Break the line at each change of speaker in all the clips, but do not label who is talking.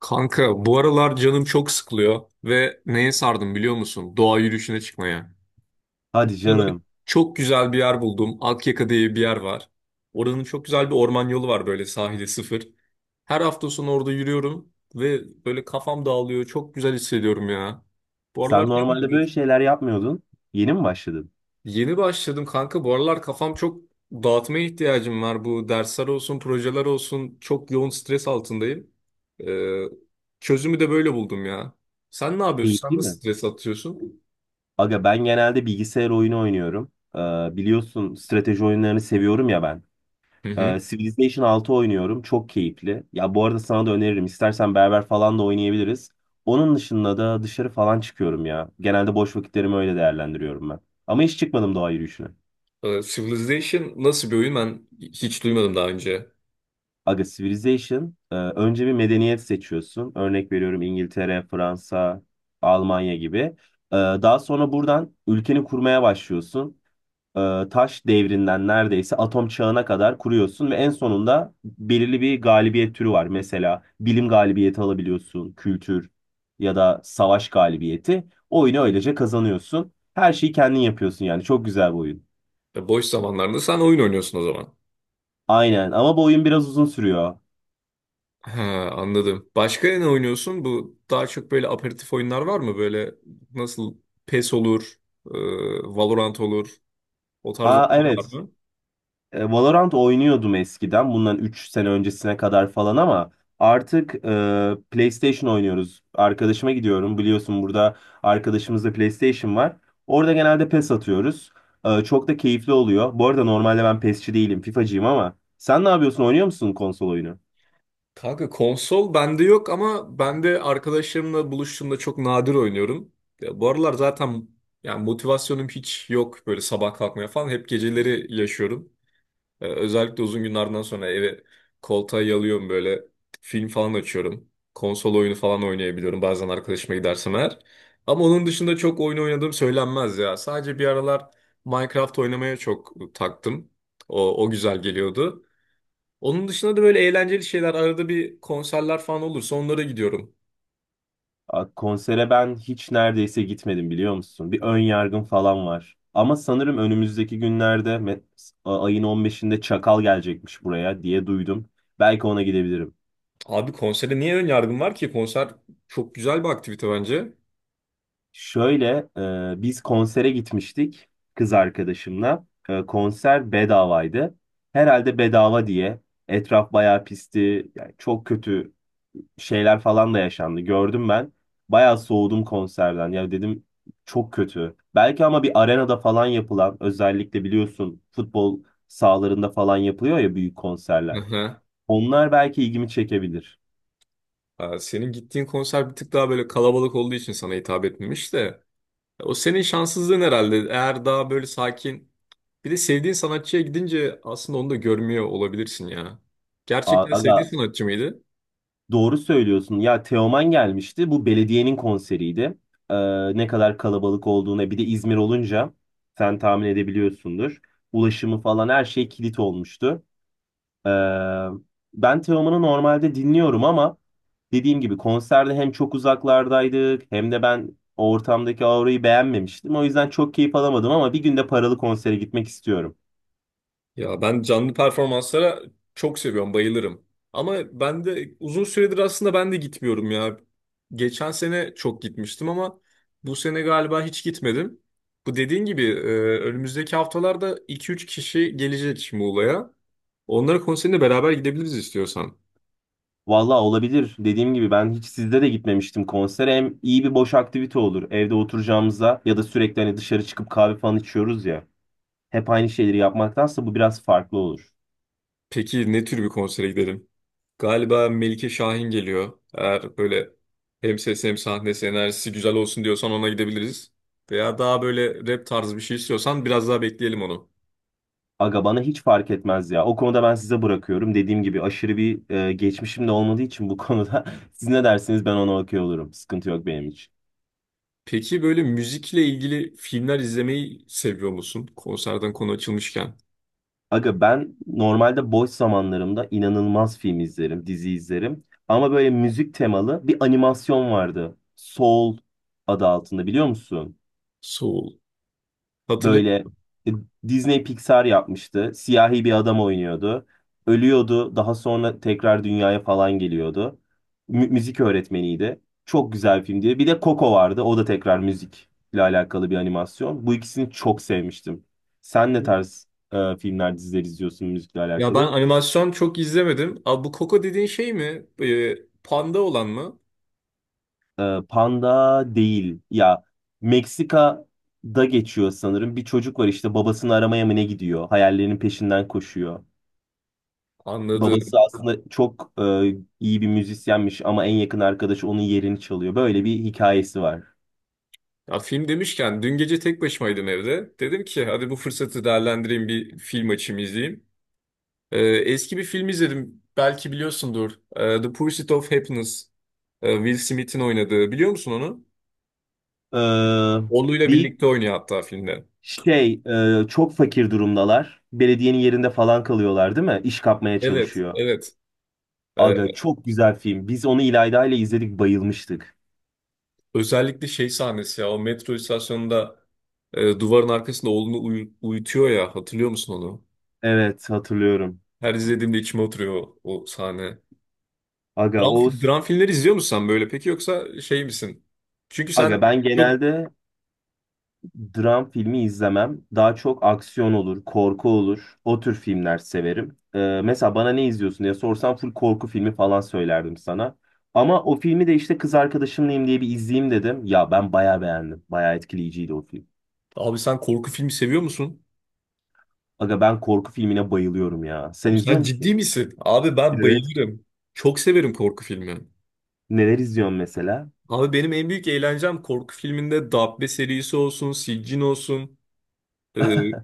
Kanka bu aralar canım çok sıkılıyor ve neye sardım biliyor musun? Doğa yürüyüşüne çıkmaya.
Hadi
Burada
canım.
çok güzel bir yer buldum. Akyaka diye bir yer var. Oranın çok güzel bir orman yolu var böyle sahile sıfır. Her hafta sonu orada yürüyorum ve böyle kafam dağılıyor. Çok güzel hissediyorum ya. Bu aralar
Sen
sen ne
normalde böyle
yapıyorsun?
şeyler yapmıyordun. Yeni mi başladın?
Yeni başladım kanka. Bu aralar kafam çok dağıtmaya ihtiyacım var. Bu dersler olsun, projeler olsun. Çok yoğun stres altındayım. Ee, Çözümü de böyle buldum ya. Sen ne yapıyorsun? Sen
Keyifli
nasıl
mi?
stres atıyorsun?
Aga ben genelde bilgisayar oyunu oynuyorum. Biliyorsun strateji oyunlarını seviyorum ya ben.
Hı hı.
Civilization 6 oynuyorum. Çok keyifli. Ya bu arada sana da öneririm. İstersen beraber falan da oynayabiliriz. Onun dışında da dışarı falan çıkıyorum ya. Genelde boş vakitlerimi öyle değerlendiriyorum ben. Ama hiç çıkmadım doğa yürüyüşüne.
Civilization nasıl bir oyun? Ben hiç duymadım daha önce.
Aga Civilization önce bir medeniyet seçiyorsun. Örnek veriyorum İngiltere, Fransa, Almanya gibi. Daha sonra buradan ülkeni kurmaya başlıyorsun. E, Taş devrinden neredeyse atom çağına kadar kuruyorsun ve en sonunda belirli bir galibiyet türü var. Mesela bilim galibiyeti alabiliyorsun, kültür ya da savaş galibiyeti. Oyunu öylece kazanıyorsun. Her şeyi kendin yapıyorsun yani. Çok güzel bir oyun.
Boş zamanlarında sen oyun oynuyorsun o zaman.
Aynen ama bu oyun biraz uzun sürüyor.
He, anladım. Başka ne oynuyorsun? Bu daha çok böyle aperatif oyunlar var mı? Böyle nasıl PES olur, e, Valorant olur. O tarz
Aa,
oyunlar var
evet.
mı?
Valorant oynuyordum eskiden. Bundan 3 sene öncesine kadar falan ama artık PlayStation oynuyoruz. Arkadaşıma gidiyorum. Biliyorsun burada arkadaşımızda PlayStation var. Orada genelde PES atıyoruz. Çok da keyifli oluyor. Bu arada normalde ben PES'çi değilim, FIFA'cıyım ama sen ne yapıyorsun? Oynuyor musun konsol oyunu?
Kanka konsol bende yok ama ben de arkadaşlarımla buluştuğumda çok nadir oynuyorum. Ya bu aralar zaten yani motivasyonum hiç yok böyle sabah kalkmaya falan. Hep geceleri yaşıyorum. Özellikle uzun günlerden sonra eve koltuğa yalıyorum böyle film falan açıyorum. Konsol oyunu falan oynayabiliyorum bazen arkadaşıma gidersem eğer. Ama onun dışında çok oyun oynadığım söylenmez ya. Sadece bir aralar Minecraft oynamaya çok taktım. O güzel geliyordu. Onun dışında da böyle eğlenceli şeyler arada bir konserler falan olursa onlara gidiyorum.
A, konsere ben hiç neredeyse gitmedim biliyor musun? Bir ön yargım falan var. Ama sanırım önümüzdeki günlerde ayın 15'inde Çakal gelecekmiş buraya diye duydum. Belki ona gidebilirim.
Abi konsere niye ön yargım var ki? Konser çok güzel bir aktivite bence.
Şöyle biz konsere gitmiştik kız arkadaşımla. Konser bedavaydı. Herhalde bedava diye. Etraf bayağı pisti. Yani çok kötü şeyler falan da yaşandı. Gördüm ben. Bayağı soğudum konserden. Ya dedim çok kötü. Belki ama bir arenada falan yapılan özellikle biliyorsun futbol sahalarında falan yapılıyor ya büyük
Hı
konserler.
hı.
Onlar belki ilgimi çekebilir.
Ha, senin gittiğin konser bir tık daha böyle kalabalık olduğu için sana hitap etmemiş de. O senin şanssızlığın herhalde. Eğer daha böyle sakin bir de sevdiğin sanatçıya gidince aslında onu da görmüyor olabilirsin ya. Gerçekten
Aga
sevdiğin sanatçı mıydı?
doğru söylüyorsun. Ya Teoman gelmişti. Bu belediyenin konseriydi. Ne kadar kalabalık olduğuna bir de İzmir olunca sen tahmin edebiliyorsundur. Ulaşımı falan her şey kilit olmuştu. Ee, ben Teoman'ı normalde dinliyorum ama dediğim gibi konserde hem çok uzaklardaydık hem de ben o ortamdaki aurayı beğenmemiştim. O yüzden çok keyif alamadım ama bir gün de paralı konsere gitmek istiyorum.
Ya ben canlı performanslara çok seviyorum, bayılırım. Ama ben de uzun süredir aslında ben de gitmiyorum ya. Geçen sene çok gitmiştim ama bu sene galiba hiç gitmedim. Bu dediğin gibi önümüzdeki haftalarda iki üç kişi gelecek Muğla'ya. Onlara konserine beraber gidebiliriz istiyorsan.
Vallahi olabilir. Dediğim gibi ben hiç sizde de gitmemiştim konsere. Hem iyi bir boş aktivite olur. Evde oturacağımıza ya da sürekli hani dışarı çıkıp kahve falan içiyoruz ya. Hep aynı şeyleri yapmaktansa bu biraz farklı olur.
Peki ne tür bir konsere gidelim? Galiba Melike Şahin geliyor. Eğer böyle hem ses hem sahne enerjisi güzel olsun diyorsan ona gidebiliriz. Veya daha böyle rap tarzı bir şey istiyorsan biraz daha bekleyelim onu.
Aga bana hiç fark etmez ya. O konuda ben size bırakıyorum. Dediğim gibi aşırı bir geçmişim de olmadığı için bu konuda siz ne dersiniz ben ona okuyor olurum. Sıkıntı yok benim için.
Peki böyle müzikle ilgili filmler izlemeyi seviyor musun? Konserden konu açılmışken.
Aga ben normalde boş zamanlarımda inanılmaz film izlerim, dizi izlerim. Ama böyle müzik temalı bir animasyon vardı. Soul adı altında, biliyor musun?
Soul. Hatırlayın.
Böyle e, Disney Pixar yapmıştı. Siyahi bir adam oynuyordu. Ölüyordu. Daha sonra tekrar dünyaya falan geliyordu. Müzik öğretmeniydi. Çok güzel film diye. Bir de Coco vardı. O da tekrar müzikle alakalı bir animasyon. Bu ikisini çok sevmiştim. Sen ne tarz filmler, diziler izliyorsun müzikle
Ya ben
alakalı?
animasyon çok izlemedim. Abi bu Coco dediğin şey mi? Panda olan mı?
Panda değil. Ya Meksika'da geçiyor sanırım. Bir çocuk var işte babasını aramaya mı ne gidiyor? Hayallerinin peşinden koşuyor.
Anladım.
Babası aslında çok iyi bir müzisyenmiş ama en yakın arkadaşı onun yerini çalıyor. Böyle bir hikayesi var.
Ya film demişken dün gece tek başımaydım evde. Dedim ki hadi bu fırsatı değerlendireyim bir film açayım izleyeyim. Eski bir film izledim. Belki biliyorsundur. The Pursuit of Happiness. Will Smith'in oynadığı. Biliyor musun onu?
Ee,
Oğluyla
bir
birlikte oynuyor hatta filmde.
şey çok fakir durumdalar. Belediyenin yerinde falan kalıyorlar değil mi? İş kapmaya
Evet,
çalışıyor.
evet. Ee,
Aga çok güzel film. Biz onu İlayda ile izledik, bayılmıştık.
Özellikle şey sahnesi ya. O metro istasyonunda duvarın arkasında oğlunu uyutuyor ya. Hatırlıyor musun onu?
Evet, hatırlıyorum.
Her izlediğimde içime oturuyor o sahne.
Aga o
Dram filmleri izliyor musun sen böyle? Peki yoksa şey misin? Çünkü sen
Aga ben
çok...
genelde dram filmi izlemem. Daha çok aksiyon olur, korku olur. O tür filmler severim. Mesela bana ne izliyorsun diye sorsam full korku filmi falan söylerdim sana. Ama o filmi de işte kız arkadaşımlayım diye bir izleyeyim dedim. Ya ben bayağı beğendim. Bayağı etkileyiciydi o film.
Abi sen korku filmi seviyor musun?
Aga ben korku filmine bayılıyorum ya. Sen
Oğlum
izliyor
sen
musun?
ciddi misin? Abi ben
Evet.
bayılırım. Çok severim korku filmi.
Neler izliyorsun mesela?
Abi benim en büyük eğlencem korku filminde Dabbe serisi olsun, Siccin olsun, e,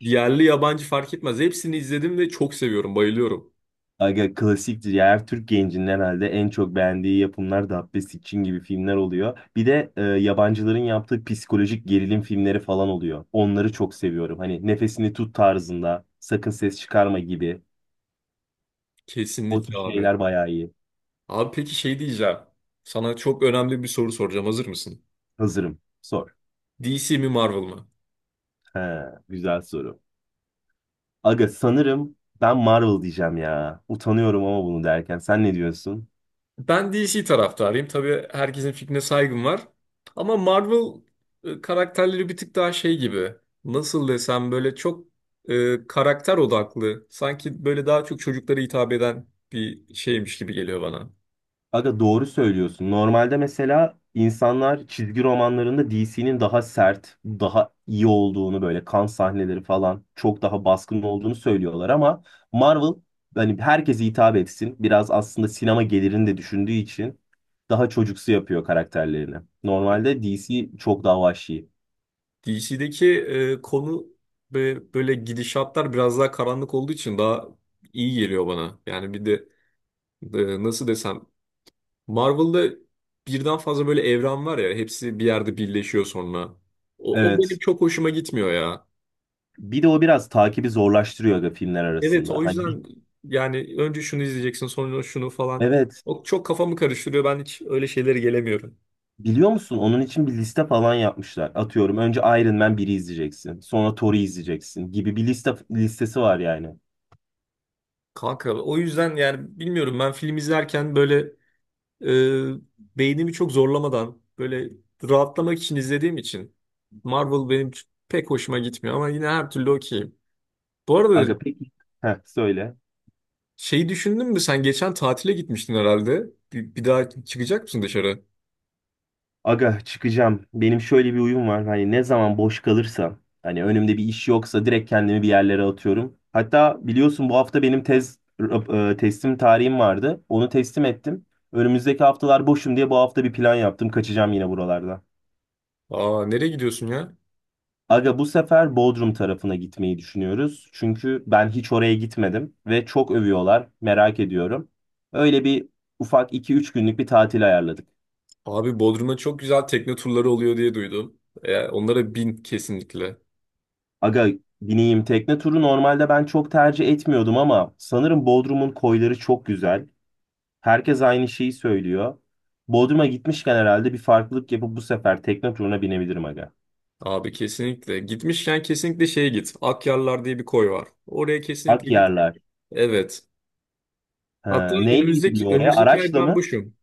yerli yabancı fark etmez. Hepsini izledim ve çok seviyorum, bayılıyorum.
Aga klasiktir ya. Her Türk gencinin herhalde en çok beğendiği yapımlar da Dabbe Sikçin gibi filmler oluyor. Bir de yabancıların yaptığı psikolojik gerilim filmleri falan oluyor. Onları çok seviyorum. Hani nefesini tut tarzında, sakın ses çıkarma gibi. O tür
Kesinlikle abi.
şeyler bayağı iyi.
Abi peki şey diyeceğim. Sana çok önemli bir soru soracağım. Hazır mısın?
Hazırım. Sor.
DC mi Marvel mı?
He, güzel soru. Aga sanırım ben Marvel diyeceğim ya. Utanıyorum ama bunu derken. Sen ne diyorsun?
Ben DC taraftarıyım. Tabii herkesin fikrine saygım var. Ama Marvel karakterleri bir tık daha şey gibi. Nasıl desem böyle çok karakter odaklı. Sanki böyle daha çok çocuklara hitap eden bir şeymiş gibi geliyor bana.
Aga doğru söylüyorsun. Normalde mesela insanlar çizgi romanlarında DC'nin daha sert, daha iyi olduğunu böyle kan sahneleri falan çok daha baskın olduğunu söylüyorlar ama Marvel hani herkese hitap etsin. Biraz aslında sinema gelirini de düşündüğü için daha çocuksu yapıyor karakterlerini. Normalde DC çok daha vahşi.
DC'deki konu ve böyle gidişatlar biraz daha karanlık olduğu için daha iyi geliyor bana. Yani bir de nasıl desem Marvel'da birden fazla böyle evren var ya hepsi bir yerde birleşiyor sonra. O benim
Evet.
çok hoşuma gitmiyor ya.
Bir de o biraz takibi zorlaştırıyor aga filmler
Evet
arasında.
o
Hani
yüzden yani önce şunu izleyeceksin sonra şunu falan.
evet.
O çok kafamı karıştırıyor ben hiç öyle şeylere gelemiyorum.
Biliyor musun? Onun için bir liste falan yapmışlar. Atıyorum önce Iron Man biri izleyeceksin. Sonra Thor'u izleyeceksin gibi bir liste listesi var yani.
Kanka o yüzden yani bilmiyorum ben film izlerken böyle e, beynimi çok zorlamadan böyle rahatlamak için izlediğim için Marvel benim pek hoşuma gitmiyor ama yine her türlü okeyim. Bu arada
Aga peki. Heh, söyle.
şeyi düşündün mü? Sen geçen tatile gitmiştin herhalde. Bir daha çıkacak mısın dışarı?
Aga çıkacağım. Benim şöyle bir uyum var. Hani ne zaman boş kalırsam hani önümde bir iş yoksa direkt kendimi bir yerlere atıyorum. Hatta biliyorsun bu hafta benim tez teslim tarihim vardı. Onu teslim ettim. Önümüzdeki haftalar boşum diye bu hafta bir plan yaptım. Kaçacağım yine buralarda.
Aa nereye gidiyorsun ya?
Aga bu sefer Bodrum tarafına gitmeyi düşünüyoruz. Çünkü ben hiç oraya gitmedim ve çok övüyorlar. Merak ediyorum. Öyle bir ufak 2-3 günlük bir tatil ayarladık.
Abi Bodrum'a çok güzel tekne turları oluyor diye duydum. E, onlara bin kesinlikle.
Aga bineyim, tekne turu normalde ben çok tercih etmiyordum ama sanırım Bodrum'un koyları çok güzel. Herkes aynı şeyi söylüyor. Bodrum'a gitmişken herhalde bir farklılık yapıp bu sefer tekne turuna binebilirim aga.
Abi kesinlikle. Gitmişken kesinlikle şeye git. Akyarlar diye bir koy var. Oraya kesinlikle git.
Akyarlar.
Evet. Hatta
Ha, neyle
önümüzdeki
gidiliyor oraya?
önümüzdeki ay
Araçla
ben
mı?
boşum.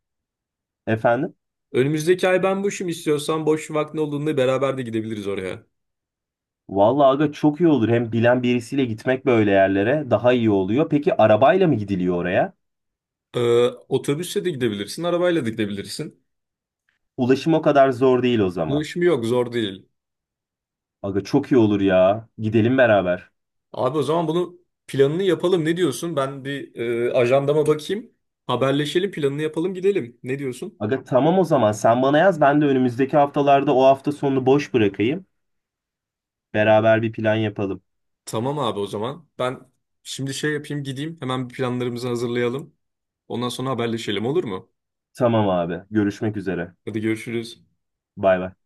Efendim?
Önümüzdeki ay ben boşum istiyorsan boş vaktin olduğunda beraber de gidebiliriz oraya.
Vallahi aga çok iyi olur. Hem bilen birisiyle gitmek böyle yerlere daha iyi oluyor. Peki arabayla mı gidiliyor oraya?
Ee, Otobüsle de gidebilirsin, arabayla da gidebilirsin.
Ulaşım o kadar zor değil o zaman.
Ulaşım yok, zor değil.
Aga çok iyi olur ya. Gidelim beraber.
Abi o zaman bunu planını yapalım. Ne diyorsun? Ben bir ajandama bakayım. Haberleşelim, planını yapalım, gidelim. Ne diyorsun?
Aga tamam o zaman sen bana yaz ben de önümüzdeki haftalarda o hafta sonunu boş bırakayım. Beraber bir plan yapalım.
Tamam abi o zaman. Ben şimdi şey yapayım, gideyim. Hemen bir planlarımızı hazırlayalım. Ondan sonra haberleşelim olur mu?
Tamam abi. Görüşmek üzere.
Hadi görüşürüz.
Bay bay.